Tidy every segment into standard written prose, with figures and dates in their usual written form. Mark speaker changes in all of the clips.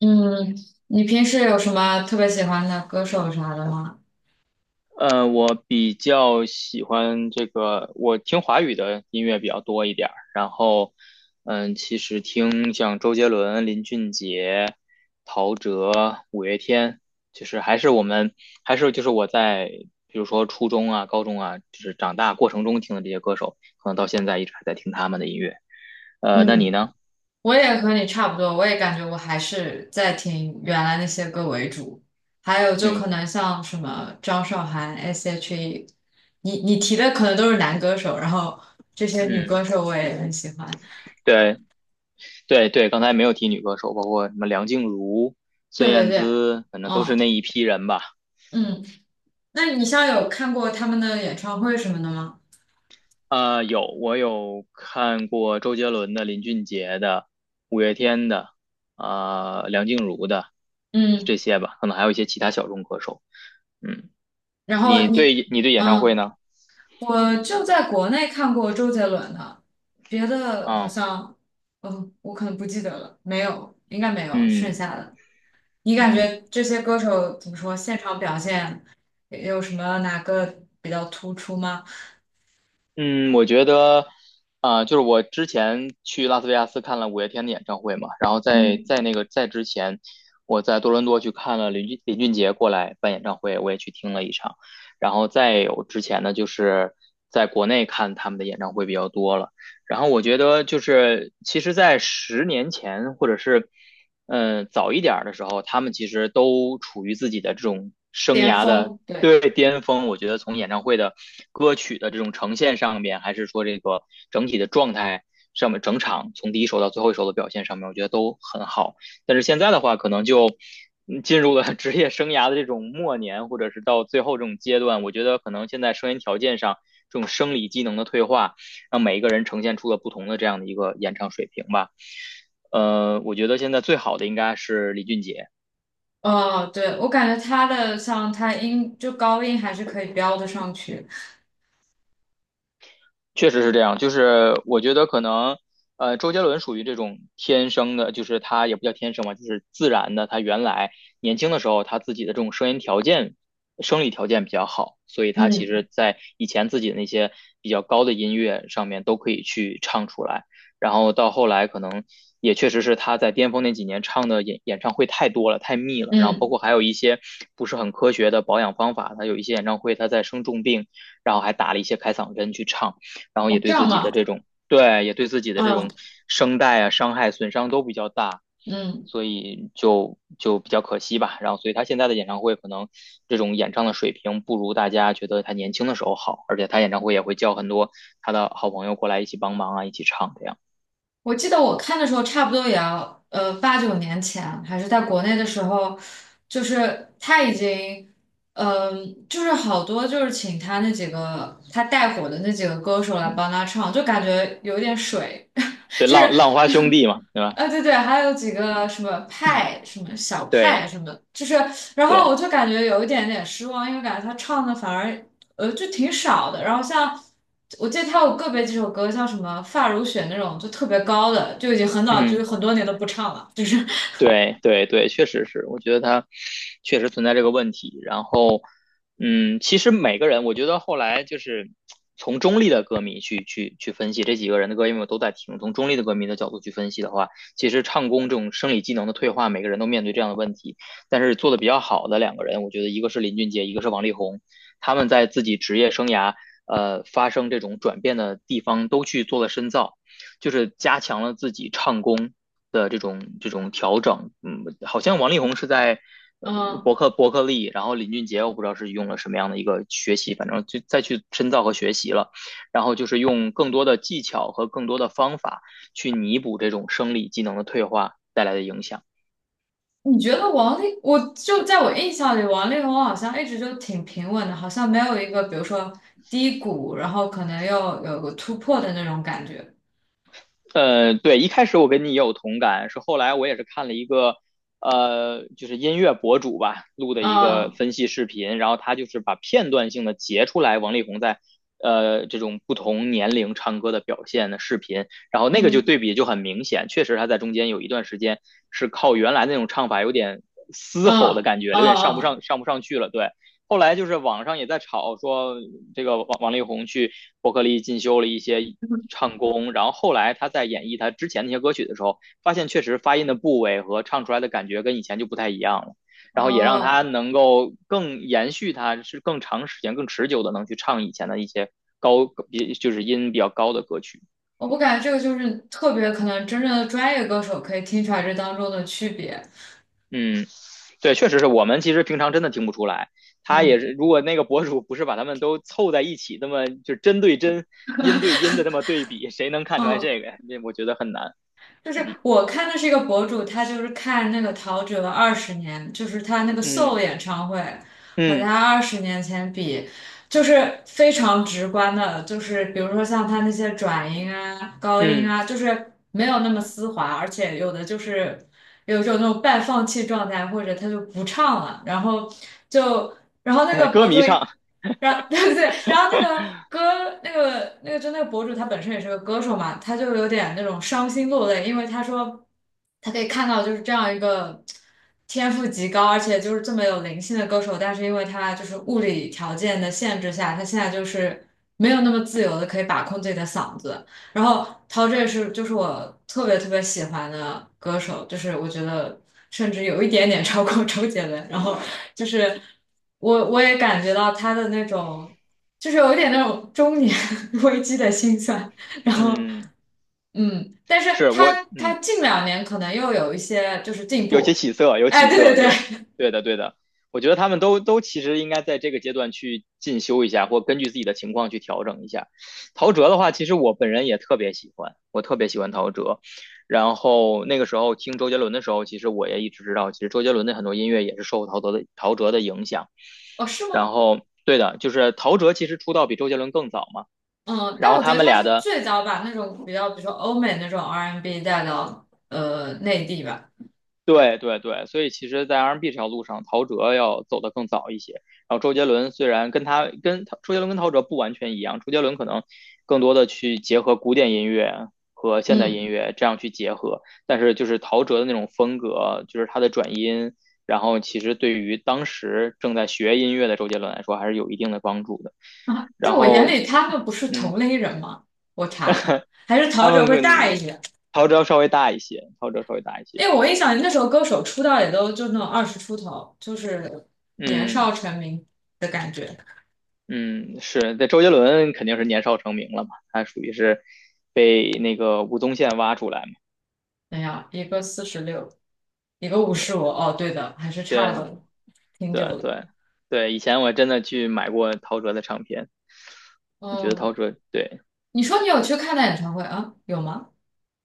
Speaker 1: 嗯，你平时有什么特别喜欢的歌手啥的吗？
Speaker 2: 我比较喜欢这个，我听华语的音乐比较多一点儿，然后，其实听像周杰伦、林俊杰、陶喆、五月天，就是还是我们还是就是我在比如说初中啊、高中啊，就是长大过程中听的这些歌手，可能到现在一直还在听他们的音乐。那你
Speaker 1: 嗯，
Speaker 2: 呢？
Speaker 1: 我也和你差不多，我也感觉我还是在听原来那些歌为主，还有就可
Speaker 2: 嗯
Speaker 1: 能像什么张韶涵、S.H.E，你提的可能都是男歌手，然后这些女
Speaker 2: 嗯，
Speaker 1: 歌手我也很喜欢。
Speaker 2: 对对对，刚才没有提女歌手，包括什么梁静茹、孙
Speaker 1: 对对
Speaker 2: 燕
Speaker 1: 对，
Speaker 2: 姿，反正都
Speaker 1: 嗯
Speaker 2: 是那一批人吧。
Speaker 1: 嗯，那你像有看过他们的演唱会什么的吗？
Speaker 2: 啊，有，我有看过周杰伦的、林俊杰的、五月天的，啊梁静茹的这
Speaker 1: 嗯，
Speaker 2: 些吧，可能还有一些其他小众歌手。嗯，
Speaker 1: 然后
Speaker 2: 你
Speaker 1: 你。
Speaker 2: 对你对演唱会
Speaker 1: 嗯。
Speaker 2: 呢？
Speaker 1: 我就在国内看过周杰伦的，别的好
Speaker 2: 啊，
Speaker 1: 像，我可能不记得了，没有，应该没有剩
Speaker 2: 嗯
Speaker 1: 下的。你感
Speaker 2: 嗯。
Speaker 1: 觉这些歌手怎么说，现场表现有什么哪个比较突出吗？
Speaker 2: 嗯，我觉得，就是我之前去拉斯维加斯看了五月天的演唱会嘛，然后在
Speaker 1: 嗯，
Speaker 2: 在那个在之前，我在多伦多去看了林俊杰过来办演唱会，我也去听了一场，然后再有之前呢，就是在国内看他们的演唱会比较多了，然后我觉得就是其实，在十年前或者是早一点儿的时候，他们其实都处于自己的这种生
Speaker 1: 巅
Speaker 2: 涯的，
Speaker 1: 峰，对，
Speaker 2: 对，巅峰，我觉得从演唱会的歌曲的这种呈现上面，还是说这个整体的状态上面，整场从第一首到最后一首的表现上面，我觉得都很好。但是现在的话，可能就进入了 职业生涯的这种末年，或者是到最后这种阶段，我觉得可能现在声音条件上这种生理机能的退化，让每一个人呈现出了不同的这样的一个演唱水平吧。我觉得现在最好的应该是李俊杰，
Speaker 1: 哦，对，我感觉他的像他音就高音还是可以飙得上去。
Speaker 2: 确实是这样，就是我觉得可能，周杰伦属于这种天生的，就是他也不叫天生吧，就是自然的。他原来年轻的时候，他自己的这种声音条件、生理条件比较好，所以他其
Speaker 1: 嗯
Speaker 2: 实在以前自己的那些比较高的音乐上面都可以去唱出来。然后到后来，可能也确实是他在巅峰那几年唱的演唱会太多了，太密了。然后包
Speaker 1: 嗯，
Speaker 2: 括还有一些不是很科学的保养方法，他有一些演唱会他在生重病，然后还打了一些开嗓针去唱。然后
Speaker 1: 哦
Speaker 2: 也
Speaker 1: 这
Speaker 2: 对自
Speaker 1: 样
Speaker 2: 己的
Speaker 1: 吗？
Speaker 2: 这种，对，也对自己的这种
Speaker 1: 嗯
Speaker 2: 声带啊伤害损伤都比较大，
Speaker 1: 嗯。
Speaker 2: 所以就比较可惜吧。然后，所以他现在的演唱会可能这种演唱的水平不如大家觉得他年轻的时候好，而且他演唱会也会叫很多他的好朋友过来一起帮忙啊，一起唱这样。
Speaker 1: 我记得我看的时候，差不多也要八九年前，还是在国内的时候，就是他已经，就是好多就是请他那几个他带火的那几个歌手来
Speaker 2: 嗯，
Speaker 1: 帮他唱，就感觉有点水，
Speaker 2: 对，
Speaker 1: 就
Speaker 2: 浪
Speaker 1: 是。
Speaker 2: 浪花兄弟嘛，对吧？
Speaker 1: 啊，对对，还有几个
Speaker 2: 嗯，
Speaker 1: 什么派，什么小派，
Speaker 2: 对
Speaker 1: 什么，就是，然后我
Speaker 2: 对，
Speaker 1: 就感觉有一点点失望，因为感觉他唱的反而，就挺少的。然后像我记得他有个别几首歌，像什么《发如雪》那种，就特别高的，就已经很早，就
Speaker 2: 嗯。
Speaker 1: 是很多年都不唱了。就是，
Speaker 2: 对对对，确实是，我觉得他确实存在这个问题。然后。其实每个人，我觉得后来就是从中立的歌迷去分析这几个人的歌，因为我都在听，从中立的歌迷的角度去分析的话，其实唱功这种生理机能的退化，每个人都面对这样的问题。但是做的比较好的两个人，我觉得一个是林俊杰，一个是王力宏，他们在自己职业生涯发生这种转变的地方都去做了深造。就是加强了自己唱功的这种调整。嗯，好像王力宏是在呃伯
Speaker 1: 嗯，
Speaker 2: 克伯克利，然后林俊杰我不知道是用了什么样的一个学习，反正就再去深造和学习了。然后就是用更多的技巧和更多的方法去弥补这种生理机能的退化带来的影响。
Speaker 1: 你觉得王力，我就在我印象里，王力宏好像一直就挺平稳的，好像没有一个比如说低谷，然后可能又有个突破的那种感觉。
Speaker 2: 对，一开始我跟你也有同感，是后来我也是看了一个，就是音乐博主吧录的一个
Speaker 1: 嗯
Speaker 2: 分析视频，然后他就是把片段性的截出来王力宏在，这种不同年龄唱歌的表现的视频，然后那个就
Speaker 1: 嗯。
Speaker 2: 对比就很明显，确实他在中间有一段时间是靠原来那种唱法有点嘶吼的
Speaker 1: 嗯
Speaker 2: 感觉，
Speaker 1: 哦
Speaker 2: 有点上不
Speaker 1: 哦，
Speaker 2: 上上不上去了，对。后来就是网上也在吵说，这个王力宏去伯克利进修了一些唱功，然后后来他在演绎他之前那些歌曲的时候，发现确实发音的部位和唱出来的感觉跟以前就不太一样了，然后也让他
Speaker 1: 哦，
Speaker 2: 能够更延续他是更长时间、更持久的能去唱以前的一些高比就是音比较高的歌曲。
Speaker 1: 我不感觉这个就是特别可能真正的专业歌手可以听出来这当中的区别。
Speaker 2: 嗯，对，确实是我们其实平常真的听不出来。他也
Speaker 1: 嗯
Speaker 2: 是，如果那个博主不是把他们都凑在一起，那么就针对针、音对音的那么对比，谁能看出来
Speaker 1: 嗯，
Speaker 2: 这个呀？我觉得很难。
Speaker 1: 就是
Speaker 2: 嗯
Speaker 1: 我看的是一个博主，他就是看那个陶喆二十年，就是他那个 Soul
Speaker 2: 嗯
Speaker 1: 演唱会和
Speaker 2: 嗯
Speaker 1: 他20年前比，就是非常直观的，就是比如说像他那些转音啊、高音
Speaker 2: 嗯
Speaker 1: 啊，就是没有那么丝滑，而且有的就是有一种那种半放弃状态，或者他就不唱了，然后。就。然后那 个
Speaker 2: 歌
Speaker 1: 博主，
Speaker 2: 迷唱，
Speaker 1: 然 对对，然后那个歌，那个就那个博主他本身也是个歌手嘛，他就有点那种伤心落泪，因为他说他可以看到就是这样一个天赋极高，而且就是这么有灵性的歌手，但是因为他就是物理条件的限制下，他现在就是没有那么自由的可以把控自己的嗓子，然后陶喆也是，就是我特别特别喜欢的歌手，就是我觉得甚至有一点点 超过周杰伦。然后就是我也感觉到他的那种，就是有一点那种中年 危机的心酸。然后
Speaker 2: 嗯，
Speaker 1: 但是
Speaker 2: 是我，
Speaker 1: 他近两年可能又有一些就是进
Speaker 2: 有些
Speaker 1: 步。
Speaker 2: 起色，有
Speaker 1: 哎，
Speaker 2: 起
Speaker 1: 对对
Speaker 2: 色，对，
Speaker 1: 对，
Speaker 2: 对的，对的，我觉得他们都其实应该在这个阶段去进修一下，或根据自己的情况去调整一下。陶喆的话，其实我本人也特别喜欢，我特别喜欢陶喆。然后那个时候听周杰伦的时候，其实我也一直知道，其实周杰伦的很多音乐也是受陶喆的影响。
Speaker 1: 哦，是
Speaker 2: 然
Speaker 1: 吗？
Speaker 2: 后，对的，就是陶喆其实出道比周杰伦更早嘛，
Speaker 1: 嗯，
Speaker 2: 然
Speaker 1: 但
Speaker 2: 后
Speaker 1: 我觉
Speaker 2: 他
Speaker 1: 得
Speaker 2: 们
Speaker 1: 他
Speaker 2: 俩
Speaker 1: 是
Speaker 2: 的。
Speaker 1: 最早把那种比较，比如说欧美那种 R&B n 带到内地吧。
Speaker 2: 对对对，所以其实，在 R&B 这条路上，陶喆要走得更早一些。然后周杰伦虽然跟他跟他周杰伦跟陶喆不完全一样，周杰伦可能更多的去结合古典音乐和现代
Speaker 1: 嗯。
Speaker 2: 音乐这样去结合，但是就是陶喆的那种风格，就是他的转音，然后其实对于当时正在学音乐的周杰伦来说，还是有一定的帮助的。
Speaker 1: 啊，在
Speaker 2: 然
Speaker 1: 我眼
Speaker 2: 后，
Speaker 1: 里，他们不是同
Speaker 2: 嗯，
Speaker 1: 类人吗？我查查，还是陶
Speaker 2: 他们
Speaker 1: 喆会
Speaker 2: 跟
Speaker 1: 大一些，
Speaker 2: 陶喆稍微大一些，陶喆稍微大一
Speaker 1: 因
Speaker 2: 些，
Speaker 1: 为我一想，那时候歌手出道也都就那种二十出头，就是年
Speaker 2: 嗯。
Speaker 1: 少成名的感觉。
Speaker 2: 嗯，是，那周杰伦肯定是年少成名了嘛，他属于是被那个吴宗宪挖出来嘛。
Speaker 1: 哎呀，一个46，一个55，
Speaker 2: 对
Speaker 1: 哦，对的，还是差
Speaker 2: 对
Speaker 1: 了挺
Speaker 2: 对
Speaker 1: 久的。
Speaker 2: 对对，以前我真的去买过陶喆的唱片，你觉得陶
Speaker 1: 哦，
Speaker 2: 喆对，
Speaker 1: 你说你有去看他演唱会啊？有吗？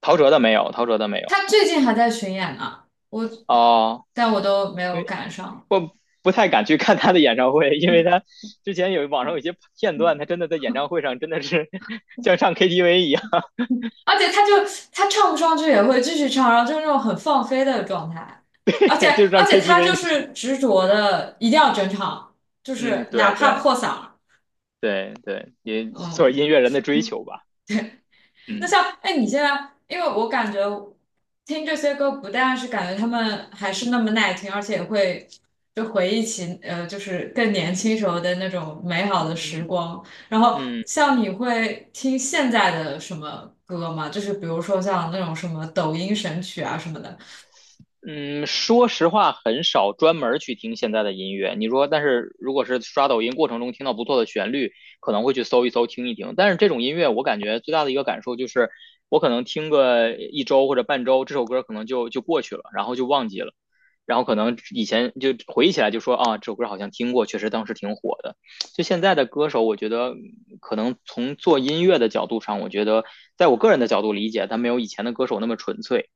Speaker 2: 陶喆的没有，陶喆的没有。
Speaker 1: 他最近还在巡演呢，我，
Speaker 2: 哦，
Speaker 1: 但我都没
Speaker 2: 因
Speaker 1: 有
Speaker 2: 为
Speaker 1: 赶上。
Speaker 2: 我不太敢去看他的演唱会，因为他之前有网上有一些片段，他真的在演唱会上真的是 像唱 KTV 一样，
Speaker 1: 而且他就他唱不上去也会继续唱，然后就是那种很放飞的状态，而且
Speaker 2: 对，就是
Speaker 1: 而
Speaker 2: 唱
Speaker 1: 且他
Speaker 2: KTV
Speaker 1: 就
Speaker 2: 那种。
Speaker 1: 是执着的一定要整场，就
Speaker 2: 嗯，
Speaker 1: 是哪
Speaker 2: 对
Speaker 1: 怕
Speaker 2: 对
Speaker 1: 破嗓儿
Speaker 2: 对对，也做
Speaker 1: 嗯，
Speaker 2: 音乐人的追求吧。
Speaker 1: 那
Speaker 2: 嗯
Speaker 1: 像哎你现在，因为我感觉听这些歌不但是感觉他们还是那么耐听，而且也会就回忆起就是更年轻时候的那种美好的时
Speaker 2: 嗯。
Speaker 1: 光。然后
Speaker 2: 嗯
Speaker 1: 像你会听现在的什么歌吗？就是比如说像那种什么抖音神曲啊什么的。
Speaker 2: 嗯，说实话，很少专门儿去听现在的音乐。你说，但是如果是刷抖音过程中听到不错的旋律，可能会去搜一搜、听一听。但是这种音乐，我感觉最大的一个感受就是，我可能听个一周或者半周，这首歌可能就过去了，然后就忘记了，然后可能以前就回忆起来就说啊，这首歌好像听过，确实当时挺火的。就现在的歌手，我觉得可能从做音乐的角度上，我觉得在我个人的角度理解，他没有以前的歌手那么纯粹。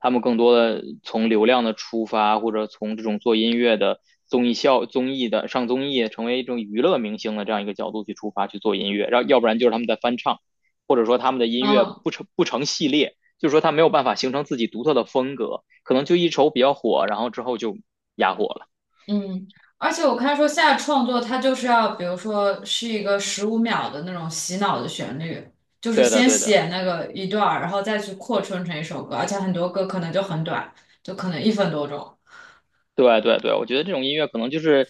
Speaker 2: 他们更多的从流量的出发，或者从这种做音乐的综艺的上综艺，成为一种娱乐明星的这样一个角度去出发去做音乐，然后要不然就是他们在翻唱，或者说他们的音乐
Speaker 1: 嗯
Speaker 2: 不成系列，就是说他没有办法形成自己独特的风格，可能就一首比较火，然后之后就哑火了。
Speaker 1: 嗯，而且我看说现在创作它就是要，比如说是一个15秒的那种洗脑的旋律，就是
Speaker 2: 对的，
Speaker 1: 先
Speaker 2: 对的。
Speaker 1: 写那个一段儿，然后再去扩充成一首歌，而且很多歌可能就很短，就可能一分多钟。
Speaker 2: 对对对，我觉得这种音乐可能就是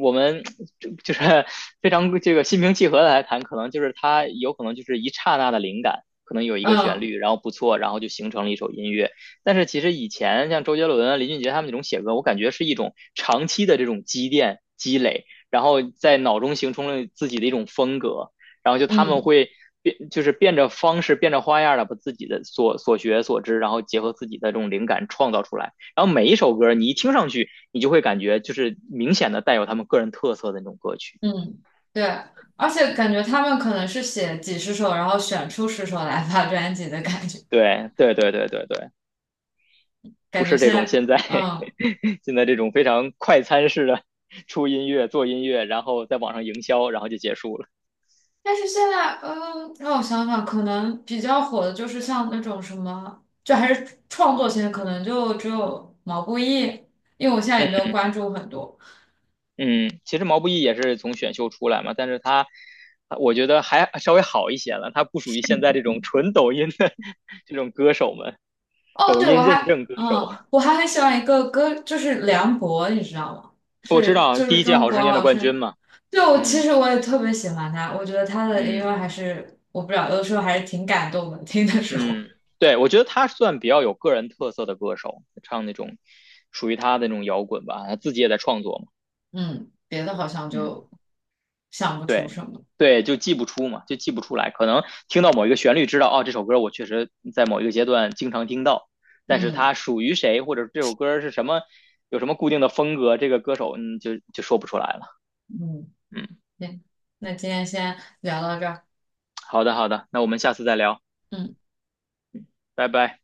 Speaker 2: 我们 就是 非常这个心平气和的来谈，可能就是它有可能就是一刹那的灵感，可能有一个旋
Speaker 1: 嗯
Speaker 2: 律，然后不错，然后就形成了一首音乐。但是其实以前像周杰伦啊、林俊杰他们那种写歌，我感觉是一种长期的这种积淀积累，然后在脑中形成了自己的一种风格，然后就他们
Speaker 1: 嗯
Speaker 2: 会。变就是变着方式、变着花样的把自己的所学所知，然后结合自己的这种灵感创造出来。然后每一首歌你一听上去，你就会感觉就是明显的带有他们个人特色的那种歌曲。
Speaker 1: 嗯，对，而且感觉他们可能是写几十首，然后选出十首来发专辑的感觉，
Speaker 2: 对对对对对对，不
Speaker 1: 感觉
Speaker 2: 是这
Speaker 1: 现
Speaker 2: 种
Speaker 1: 在
Speaker 2: 现在 现在这种非常快餐式的出音乐、做音乐，然后在网上营销，然后就结束了。
Speaker 1: 但是现在，嗯，让我想想，可能比较火的就是像那种什么，就还是创作型，可能就只有毛不易，因为我现在也
Speaker 2: 嗯
Speaker 1: 没有关注很多。
Speaker 2: 嗯，其实毛不易也是从选秀出来嘛，但是他我觉得还稍微好一些了，他不属于现在这种纯抖音的这种歌手们，
Speaker 1: 哦，
Speaker 2: 抖
Speaker 1: 对，我
Speaker 2: 音认
Speaker 1: 还
Speaker 2: 证歌手。
Speaker 1: 很喜欢一个歌，就是梁博，你知道吗？
Speaker 2: 我知
Speaker 1: 是，
Speaker 2: 道啊
Speaker 1: 就是
Speaker 2: 第一届
Speaker 1: 中
Speaker 2: 好
Speaker 1: 国
Speaker 2: 声音的
Speaker 1: 好
Speaker 2: 冠
Speaker 1: 声
Speaker 2: 军
Speaker 1: 音。
Speaker 2: 嘛，
Speaker 1: 对，我其
Speaker 2: 嗯
Speaker 1: 实我也特别喜欢他，我觉得他的音
Speaker 2: 嗯。
Speaker 1: 乐还是，我不知道，有的时候还是挺感动的，听的时候。
Speaker 2: 嗯，对，我觉得他算比较有个人特色的歌手，唱那种属于他的那种摇滚吧，他自己也在创作嘛。
Speaker 1: 嗯，别的好像
Speaker 2: 嗯，
Speaker 1: 就想不出
Speaker 2: 对，
Speaker 1: 什么。
Speaker 2: 对，就记不出嘛，就记不出来，可能听到某一个旋律知道，哦，这首歌我确实在某一个阶段经常听到，但是
Speaker 1: 嗯
Speaker 2: 它属于谁，或者这首歌是什么，有什么固定的风格，这个歌手就说不出来了。
Speaker 1: 嗯。
Speaker 2: 嗯，
Speaker 1: 行，那今天先聊到这儿。
Speaker 2: 好的好的，那我们下次再聊，
Speaker 1: 嗯。
Speaker 2: 拜拜。